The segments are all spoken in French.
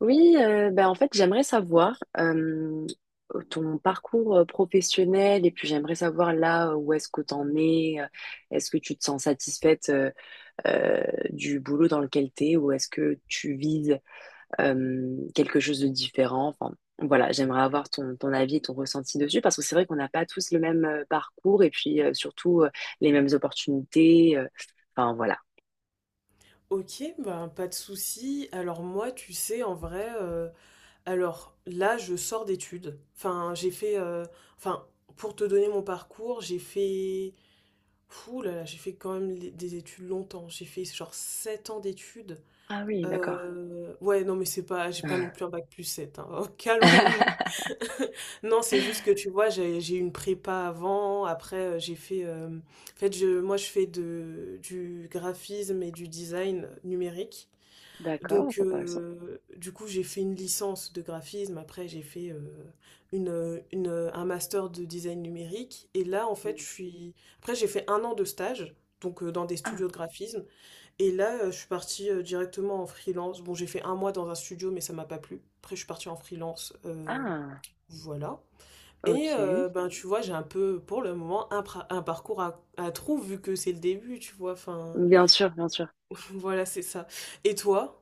Oui, ben en fait, j'aimerais savoir ton parcours professionnel et puis j'aimerais savoir là où est-ce que tu en es. Est-ce que tu te sens satisfaite euh, du boulot dans lequel tu es ou est-ce que tu vises quelque chose de différent? Enfin, voilà, j'aimerais avoir ton avis et ton ressenti dessus parce que c'est vrai qu'on n'a pas tous le même parcours et puis surtout les mêmes opportunités. Enfin, voilà. Ok, ben pas de souci. Alors moi, tu sais, en vrai, alors là, je sors d'études. Enfin, enfin, pour te donner mon parcours, j'ai fait, fou là là, j'ai fait quand même des études longtemps. J'ai fait genre 7 ans d'études. Ah oui, d'accord. Ouais, non, mais c'est pas, j'ai pas non plus un bac plus 7, hein. Calmons-nous. Non, c'est juste que tu vois, j'ai eu une prépa avant. Après, j'ai fait. En fait, je, moi, Je fais du graphisme et du design numérique. D'accord, Donc, c'est intéressant. Du coup, j'ai fait une licence de graphisme. Après, j'ai fait un master de design numérique. Et là, en fait, je suis. Après, j'ai fait un an de stage, donc dans des Ah, studios de graphisme. Et là, je suis partie directement en freelance. Bon, j'ai fait un mois dans un studio, mais ça m'a pas plu. Après, je suis partie en freelance. Ah. Voilà. Et Ok, ben, tu vois, j'ai un peu, pour le moment, un parcours à trous, vu que c'est le début, tu vois. Enfin, bien sûr, bien sûr. voilà, c'est ça. Et toi?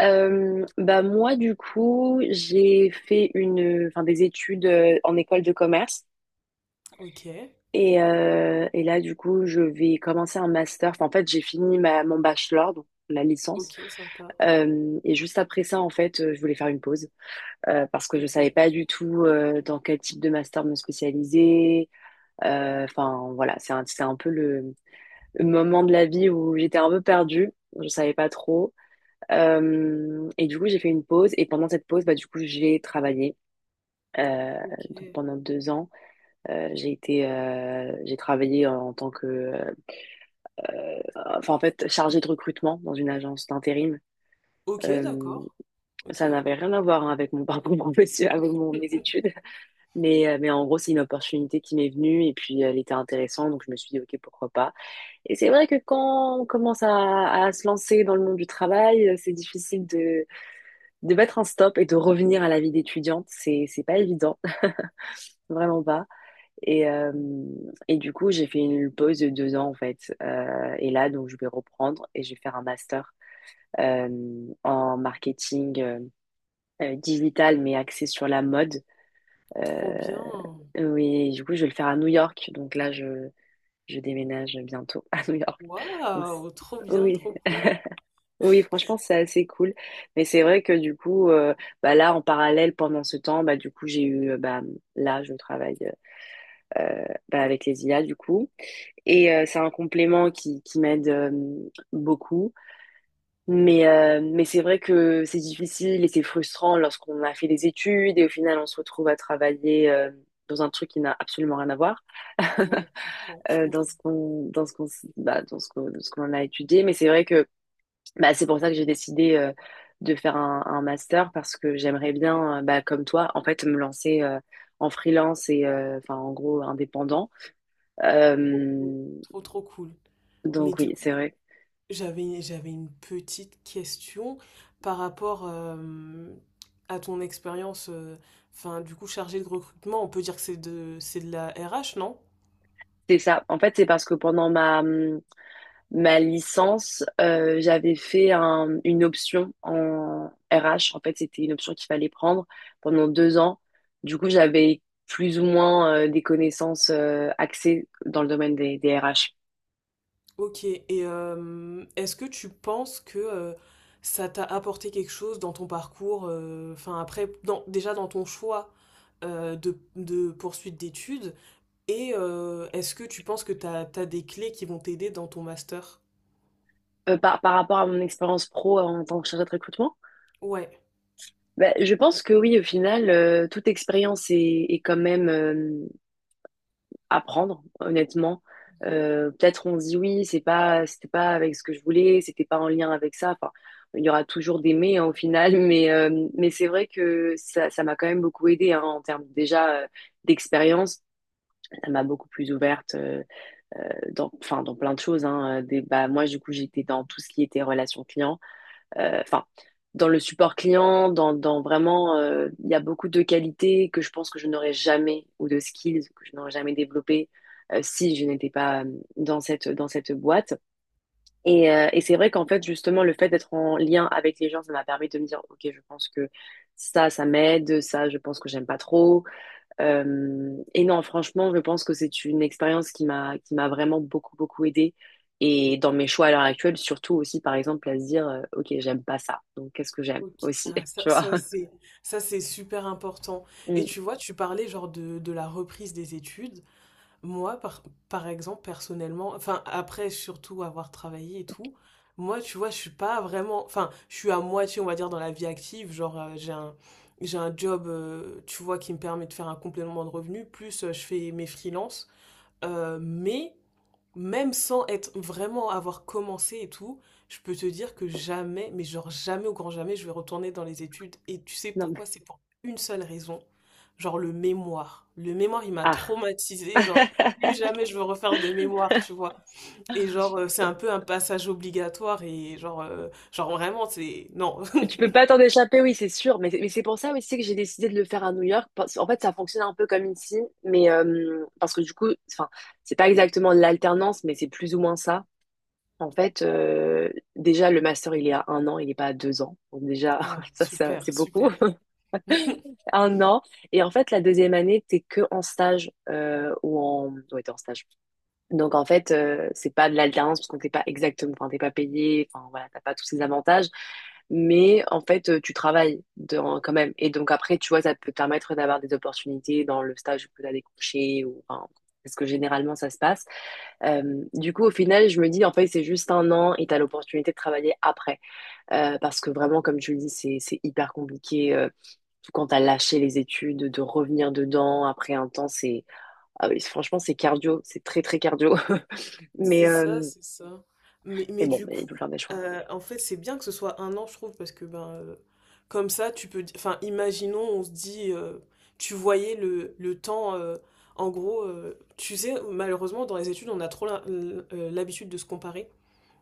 Bah moi du coup j'ai fait enfin des études en école de commerce Ok, et là du coup je vais commencer un master. Enfin, en fait j'ai fini mon bachelor donc la licence. ok, sympa. Et juste après ça en fait je voulais faire une pause parce que je savais OK, pas du tout dans quel type de master me spécialiser. Enfin voilà c'est un peu le moment de la vie où j'étais un peu perdue, je savais pas trop. Et du coup, j'ai fait une pause. Et pendant cette pause, bah, du coup, j'ai travaillé. Euh, donc OK. pendant 2 ans, j'ai travaillé en tant que, euh, enfin en fait, chargée de recrutement dans une agence d'intérim. OK, Euh, d'accord. OK. Ça n'avait rien à voir hein, avec mon parcours professionnel, avec mes études, mais mais en gros, c'est une opportunité qui m'est venue et puis elle était intéressante, donc je me suis dit ok, pourquoi pas. Et c'est vrai que quand on commence à se lancer dans le monde du travail, c'est difficile de mettre un stop et de revenir à la vie d'étudiante, c'est pas évident, vraiment pas. Et et du coup, j'ai fait une pause de 2 ans en fait. Et là, donc, je vais reprendre et je vais faire un master euh, en marketing digital, mais axé sur la mode. Euh, Trop bien. oui, du coup, je vais le faire à New York. Donc là, je déménage bientôt à New York. Donc, c- Waouh! Trop bien, oui. trop cool. Oui, franchement, c'est assez cool. Mais c'est vrai que du coup, bah là, en parallèle, pendant ce temps, bah du coup, bah là, je travaille bah, avec les IA du coup, et c'est un complément qui m'aide beaucoup. Mais mais c'est vrai que c'est difficile et c'est frustrant lorsqu'on a fait des études et au final, on se retrouve à travailler dans un truc qui n'a absolument rien à voir Ouais, je comprends, je comprends. Dans ce qu'on dans ce qu'on a étudié. Mais c'est vrai que bah, c'est pour ça que j'ai décidé de faire un master parce que j'aimerais bien, bah, comme toi, en fait, me lancer en freelance et enfin, en gros, indépendant. Trop cool. Euh, Trop, trop cool. Mais donc du oui, c'est coup, vrai. j'avais une petite question par rapport à ton expérience, enfin, du coup, chargée de recrutement. On peut dire que c'est de la RH, non? C'est ça. En fait, c'est parce que pendant ma ma licence, j'avais une option en RH. En fait, c'était une option qu'il fallait prendre pendant 2 ans. Du coup, j'avais plus ou moins des connaissances axées dans le domaine des RH. Ok, et est-ce que tu penses que ça t'a apporté quelque chose dans ton parcours, enfin après, déjà dans ton choix de poursuite d'études, et est-ce que tu penses que t'as des clés qui vont t'aider dans ton master? Par rapport à mon expérience pro en tant que chargée de recrutement, Ouais. ben, je pense que oui, au final, toute expérience est quand même à prendre, honnêtement. Mhm. Peut-être on se dit oui, c'était pas avec ce que je voulais, c'était pas en lien avec ça. Enfin, il y aura toujours des mais hein, au final, mais c'est vrai que ça m'a quand même beaucoup aidé hein, en termes déjà d'expérience. Ça m'a beaucoup plus ouverte. Enfin, dans plein de choses. Hein, bah, moi, du coup, j'étais dans tout ce qui était relation client. Euh, Enfin, dans le support client, dans vraiment, il y a beaucoup de qualités que je pense que je n'aurais jamais, ou de skills que je n'aurais jamais développées si je n'étais pas dans dans cette boîte. Et c'est vrai qu'en fait, justement, le fait d'être en lien avec les gens, ça m'a permis de me dire, OK, je pense que ça m'aide, ça, je pense que j'aime pas trop. Et non, franchement, je pense que c'est une expérience qui m'a vraiment beaucoup aidée et dans mes choix à l'heure actuelle, surtout aussi par exemple à se dire OK, j'aime pas ça. Donc qu'est-ce que j'aime Ok. aussi, Ah, tu vois? Ça c'est super important. Et Mm. tu vois, tu parlais genre de la reprise des études. Moi, par exemple, personnellement, enfin, après, surtout avoir travaillé et tout, moi, tu vois, je suis pas vraiment, enfin, je suis à moitié, on va dire, dans la vie active. Genre, j'ai un job, tu vois, qui me permet de faire un complément de revenu, plus je fais mes freelances. Mais même sans être vraiment avoir commencé et tout, je peux te dire que jamais, mais genre jamais au grand jamais, je vais retourner dans les études. Et tu sais Non pourquoi? mais C'est pour une seule raison. Genre le mémoire. Le mémoire, il m'a ah. traumatisée. Genre, plus jamais je veux refaire de mémoire, tu vois. Et genre, c'est un peu un passage obligatoire. Et genre, genre vraiment, c'est... Non. Mais tu peux pas t'en échapper, oui, c'est sûr. Mais c'est pour ça aussi que j'ai décidé de le faire à New York. En fait, ça fonctionne un peu comme ici, mais parce que du coup, enfin, c'est pas exactement de l'alternance, mais c'est plus ou moins ça. En fait, déjà, le master, il est à un an, il n'est pas à 2 ans. Donc déjà, Ah, ça super, c'est beaucoup. super. Un an. Et en fait, la deuxième année, t'es que en stage ou en... Ouais, t'es en stage. Donc en fait, c'est pas de l'alternance parce qu'on t'es pas exactement... Enfin, t'es pas payé. Enfin, voilà, t'as pas tous ces avantages. Mais en fait, tu travailles quand même. Et donc après, tu vois, ça peut te permettre d'avoir des opportunités dans le stage où tu as des couchers ou... Enfin, parce que généralement, ça se passe. Du coup, au final, je me dis, en fait, c'est juste un an et tu as l'opportunité de travailler après. Parce que vraiment, comme tu le dis, c'est hyper compliqué. Surtout quand tu as lâché les études, de revenir dedans après un temps, c'est... ah oui, franchement, c'est cardio. C'est très, très cardio. Mais, C'est ça, euh, c'est ça. Mais, mais mais bon, du mais il coup, faut faire des choix. En fait, c'est bien que ce soit un an, je trouve, parce que ben, comme ça, Enfin, imaginons, on se dit, tu voyais le temps. En gros, tu sais, malheureusement, dans les études, on a trop l'habitude de se comparer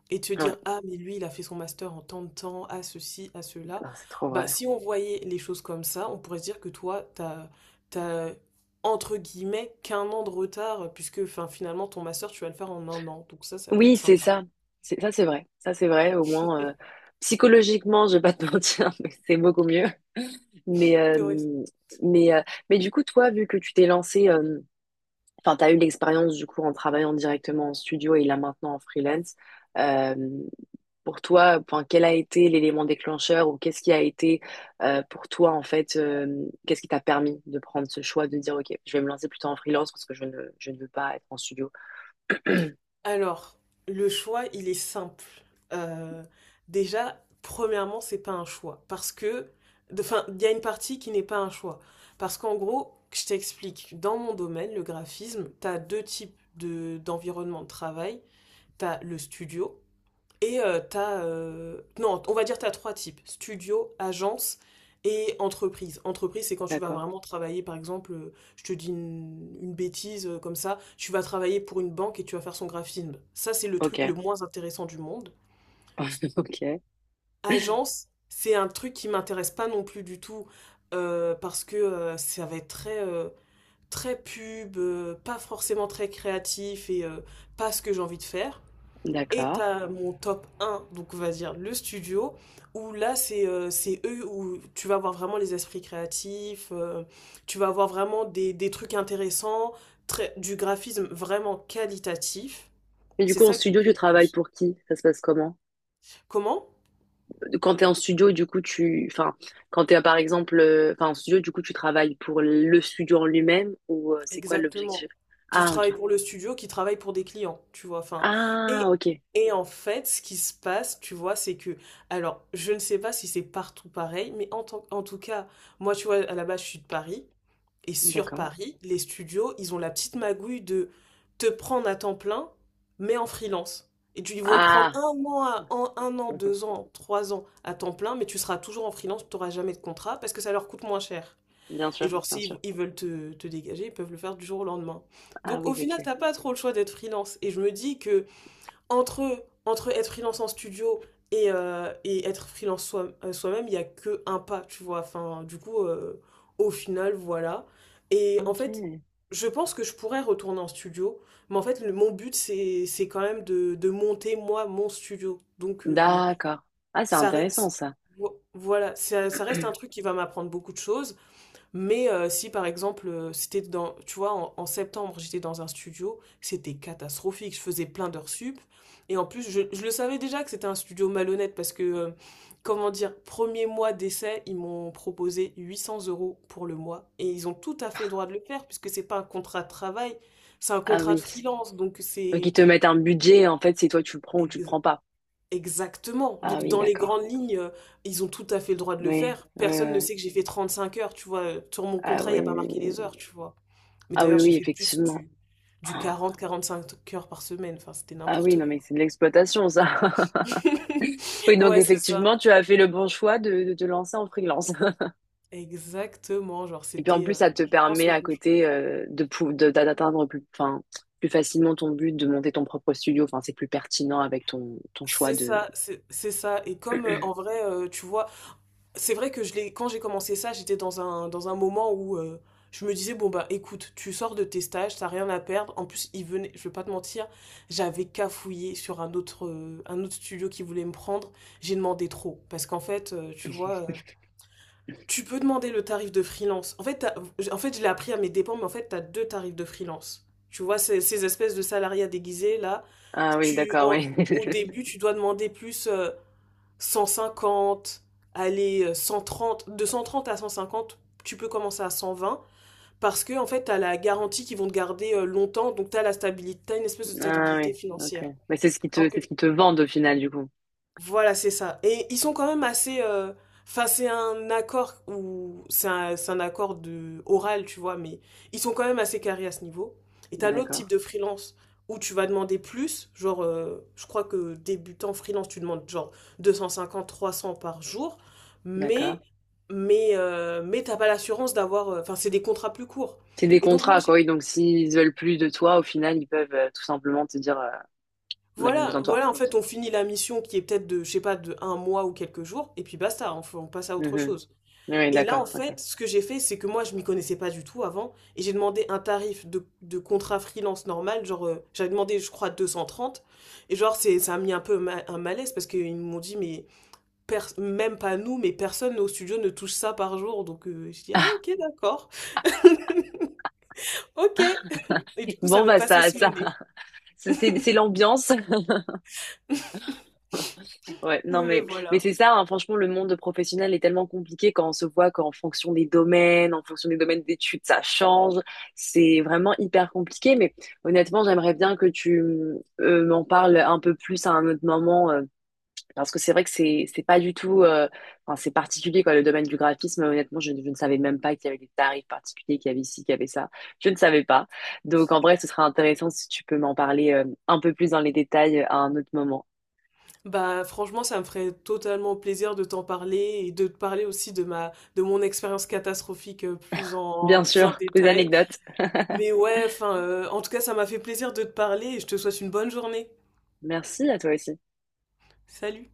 et te Ouais, dire, ah, mais lui, il a fait son master en tant de temps, à ceci, à cela. non, c'est trop Bah, vrai. si on voyait les choses comme ça, on pourrait se dire que toi, t'as, entre guillemets, qu'un an de retard, puisque enfin, finalement, ton master, tu vas le faire en un an. Donc ça peut Oui, être c'est sympa. ça. Ça, c'est vrai. Ça, c'est vrai. Au moins, psychologiquement, je vais pas te mentir, mais c'est beaucoup mieux. Mais, euh, Ouais, mais, euh, mais du coup, toi, vu que tu t'es lancé... Enfin, tu as eu l'expérience du coup en travaillant directement en studio et là maintenant en freelance. Euh, pour toi, enfin, quel a été l'élément déclencheur ou qu'est-ce qui a été pour toi en fait, qu'est-ce qui t'a permis de prendre ce choix de dire ok, je vais me lancer plutôt en freelance parce que je ne veux pas être en studio. alors, le choix, il est simple. Euh, Déjà, premièrement, c'est pas un choix. Parce que, enfin, il y a une partie qui n'est pas un choix. Parce qu'en gros, je t'explique, dans mon domaine, le graphisme, t'as deux types d'environnement de travail. T'as le studio, et non, on va dire t'as trois types. Studio, agence et entreprise. Entreprise, c'est quand tu vas D'accord. vraiment travailler, par exemple, je te dis une bêtise comme ça, tu vas travailler pour une banque et tu vas faire son graphisme. Ça, c'est le truc le Ok. moins intéressant du monde. S- Ok. Agence, c'est un truc qui m'intéresse pas non plus du tout parce que ça va être très... très pub, pas forcément très créatif et pas ce que j'ai envie de faire. Et D'accord. t'as mon top un, donc on va dire le studio, où là c'est eux où tu vas avoir vraiment les esprits créatifs, tu vas avoir vraiment des trucs intéressants, très, du graphisme vraiment qualitatif. Et du C'est coup, en ça qui me studio, tu plaît le travailles plus. pour qui? Ça se passe comment? Comment? Quand tu es en studio, du coup, tu. Enfin, quand tu es par exemple enfin, en studio, du coup, tu travailles pour le studio en lui-même ou c'est quoi l'objectif? Exactement. Tu Ah, ok. travailles pour le studio qui travaille pour des clients, tu vois. Ah, et, ok. et en fait, ce qui se passe, tu vois, c'est que, alors, je ne sais pas si c'est partout pareil, mais en tout cas, moi, tu vois, à la base, je suis de Paris. Et sur D'accord. Paris, les studios, ils ont la petite magouille de te, prendre à temps plein, mais en freelance. Ils vont te prendre Ah, un an, un an, 2 ans, 3 ans à temps plein, mais tu seras toujours en freelance, tu n'auras jamais de contrat parce que ça leur coûte moins cher. bien Et sûr, genre, bien s'ils sûr. ils veulent te dégager, ils peuvent le faire du jour au lendemain. Ah Donc oui, au final, ok. t'as pas trop le choix d'être freelance. Et je me dis que entre, entre être freelance en studio et être freelance soi-même, il n'y a que un pas, tu vois. Enfin, du coup, au final, voilà. Et en fait, Ok. je pense que je pourrais retourner en studio, mais en fait, mon but, c'est quand même de monter, moi, mon studio. Donc, D'accord. Ah, c'est ça intéressant reste, ça. Voilà, ça reste un truc qui va m'apprendre beaucoup de choses. Mais si par exemple, c'était dans, tu vois, en, en septembre, j'étais dans un studio, c'était catastrophique. Je faisais plein d'heures sup. Et en plus, je le savais déjà que c'était un studio malhonnête parce que, comment dire, premier mois d'essai, ils m'ont proposé 800 € pour le mois. Et ils ont tout à fait le droit de le faire puisque c'est pas un contrat de travail, c'est un Ah contrat de oui. freelance. Donc Donc ils c'est. te mettent un budget, en fait, c'est toi tu le prends ou tu le prends pas. Exactement. Ah Donc, oui, dans les d'accord. grandes lignes, ils ont tout à fait le droit de le Oui, faire. oui, oui, Personne ne oui. sait que j'ai fait 35 heures, tu vois. Sur mon Ah contrat, il n'y oui. a pas marqué les heures, tu vois. Mais Ah oui, d'ailleurs, j'ai oui, fait plus effectivement. du 40-45 heures par semaine. Enfin, c'était Ah oui, n'importe non quoi. mais c'est de l'exploitation ça. Oui, donc Ouais, c'est ça. effectivement, tu as fait le bon choix de te lancer en freelance. Exactement. Genre, Et puis en c'était, plus, ça te je pense, permet le à bon choix. côté de, pou- de- d'a- d'atteindre plus, enfin, plus facilement ton but de monter ton propre studio. Enfin, c'est plus pertinent avec ton choix C'est de. ça, c'est ça. Et comme, en vrai, tu vois, c'est vrai que je l'ai, quand j'ai commencé ça, j'étais dans un moment où je me disais, bon bah écoute, tu sors de tes stages, t'as rien à perdre. En plus, il venait, je vais pas te mentir, j'avais cafouillé sur un autre, un autre studio qui voulait me prendre. J'ai demandé trop. Parce qu'en fait, tu peux demander le tarif de freelance. En fait je l'ai appris à mes dépens, mais en fait, t'as deux tarifs de freelance. Tu vois, ces espèces de salariats déguisés, là, Ah oui, tu, d'accord, en- oui. au début, tu dois demander plus. 150, aller 130, de 130 à 150, tu peux commencer à 120 parce que en fait, tu as la garantie qu'ils vont te garder longtemps, donc tu as la stabilité, t'as une espèce de Ah oui, stabilité ok. financière. Mais c'est ce qui Alors te, que c'est ce qui te vendent au final, du coup. voilà, c'est ça. Et ils sont quand même assez. Enfin, c'est un accord où c'est un accord de oral, tu vois, mais ils sont quand même assez carrés à ce niveau. Et t'as l'autre D'accord, type de freelance où tu vas demander plus, genre, je crois que débutant freelance, tu demandes genre 250, 300 par jour, d'accord. mais mais t'as pas l'assurance d'avoir, enfin, c'est des contrats plus courts. C'est des Et donc moi, contrats, j'ai- quoi. Oui, donc s'ils veulent plus de toi, au final, ils peuvent tout simplement te dire, on n'a plus voilà, besoin de toi. voilà, en fait, on finit la mission qui est peut-être je sais pas, de un mois ou quelques jours, et puis basta, on passe à autre Mhm. chose. Oui, Et là, en d'accord, ok. fait, ce que j'ai fait, c'est que moi, je m'y connaissais pas du tout avant, et j'ai demandé un tarif de contrat freelance normal, genre, j'avais demandé, je crois, 230, et ça a mis un peu un malaise, parce qu'ils m'ont dit, mais même pas nous, mais personne au studio ne touche ça par jour, donc je dis, ah ok, d'accord, ok, et du coup, ça Bon, m'est bah passé ça, sous le ça, nez. C'est l'ambiance. Ouais, non, Mais mais voilà. c'est ça, hein, franchement, le monde professionnel est tellement compliqué quand on se voit qu'en fonction des domaines, en fonction des domaines d'études, ça change. C'est vraiment hyper compliqué, mais honnêtement, j'aimerais bien que tu m'en parles un peu plus à un autre moment, parce que c'est vrai que c'est pas du tout, enfin, c'est particulier, quoi, le domaine du graphisme. Honnêtement, je ne savais même pas qu'il y avait des tarifs particuliers, qu'il y avait ci, qu'il y avait ça. Je ne savais pas. Donc, en vrai, ce serait intéressant si tu peux m'en parler un peu plus dans les détails à un autre moment. Bah franchement, ça me ferait totalement plaisir de t'en parler et de te parler aussi de mon expérience catastrophique plus en Bien plus en sûr, des détail. anecdotes. Mais ouais, enfin, en tout cas, ça m'a fait plaisir de te parler et je te souhaite une bonne journée. Merci à toi aussi. Salut!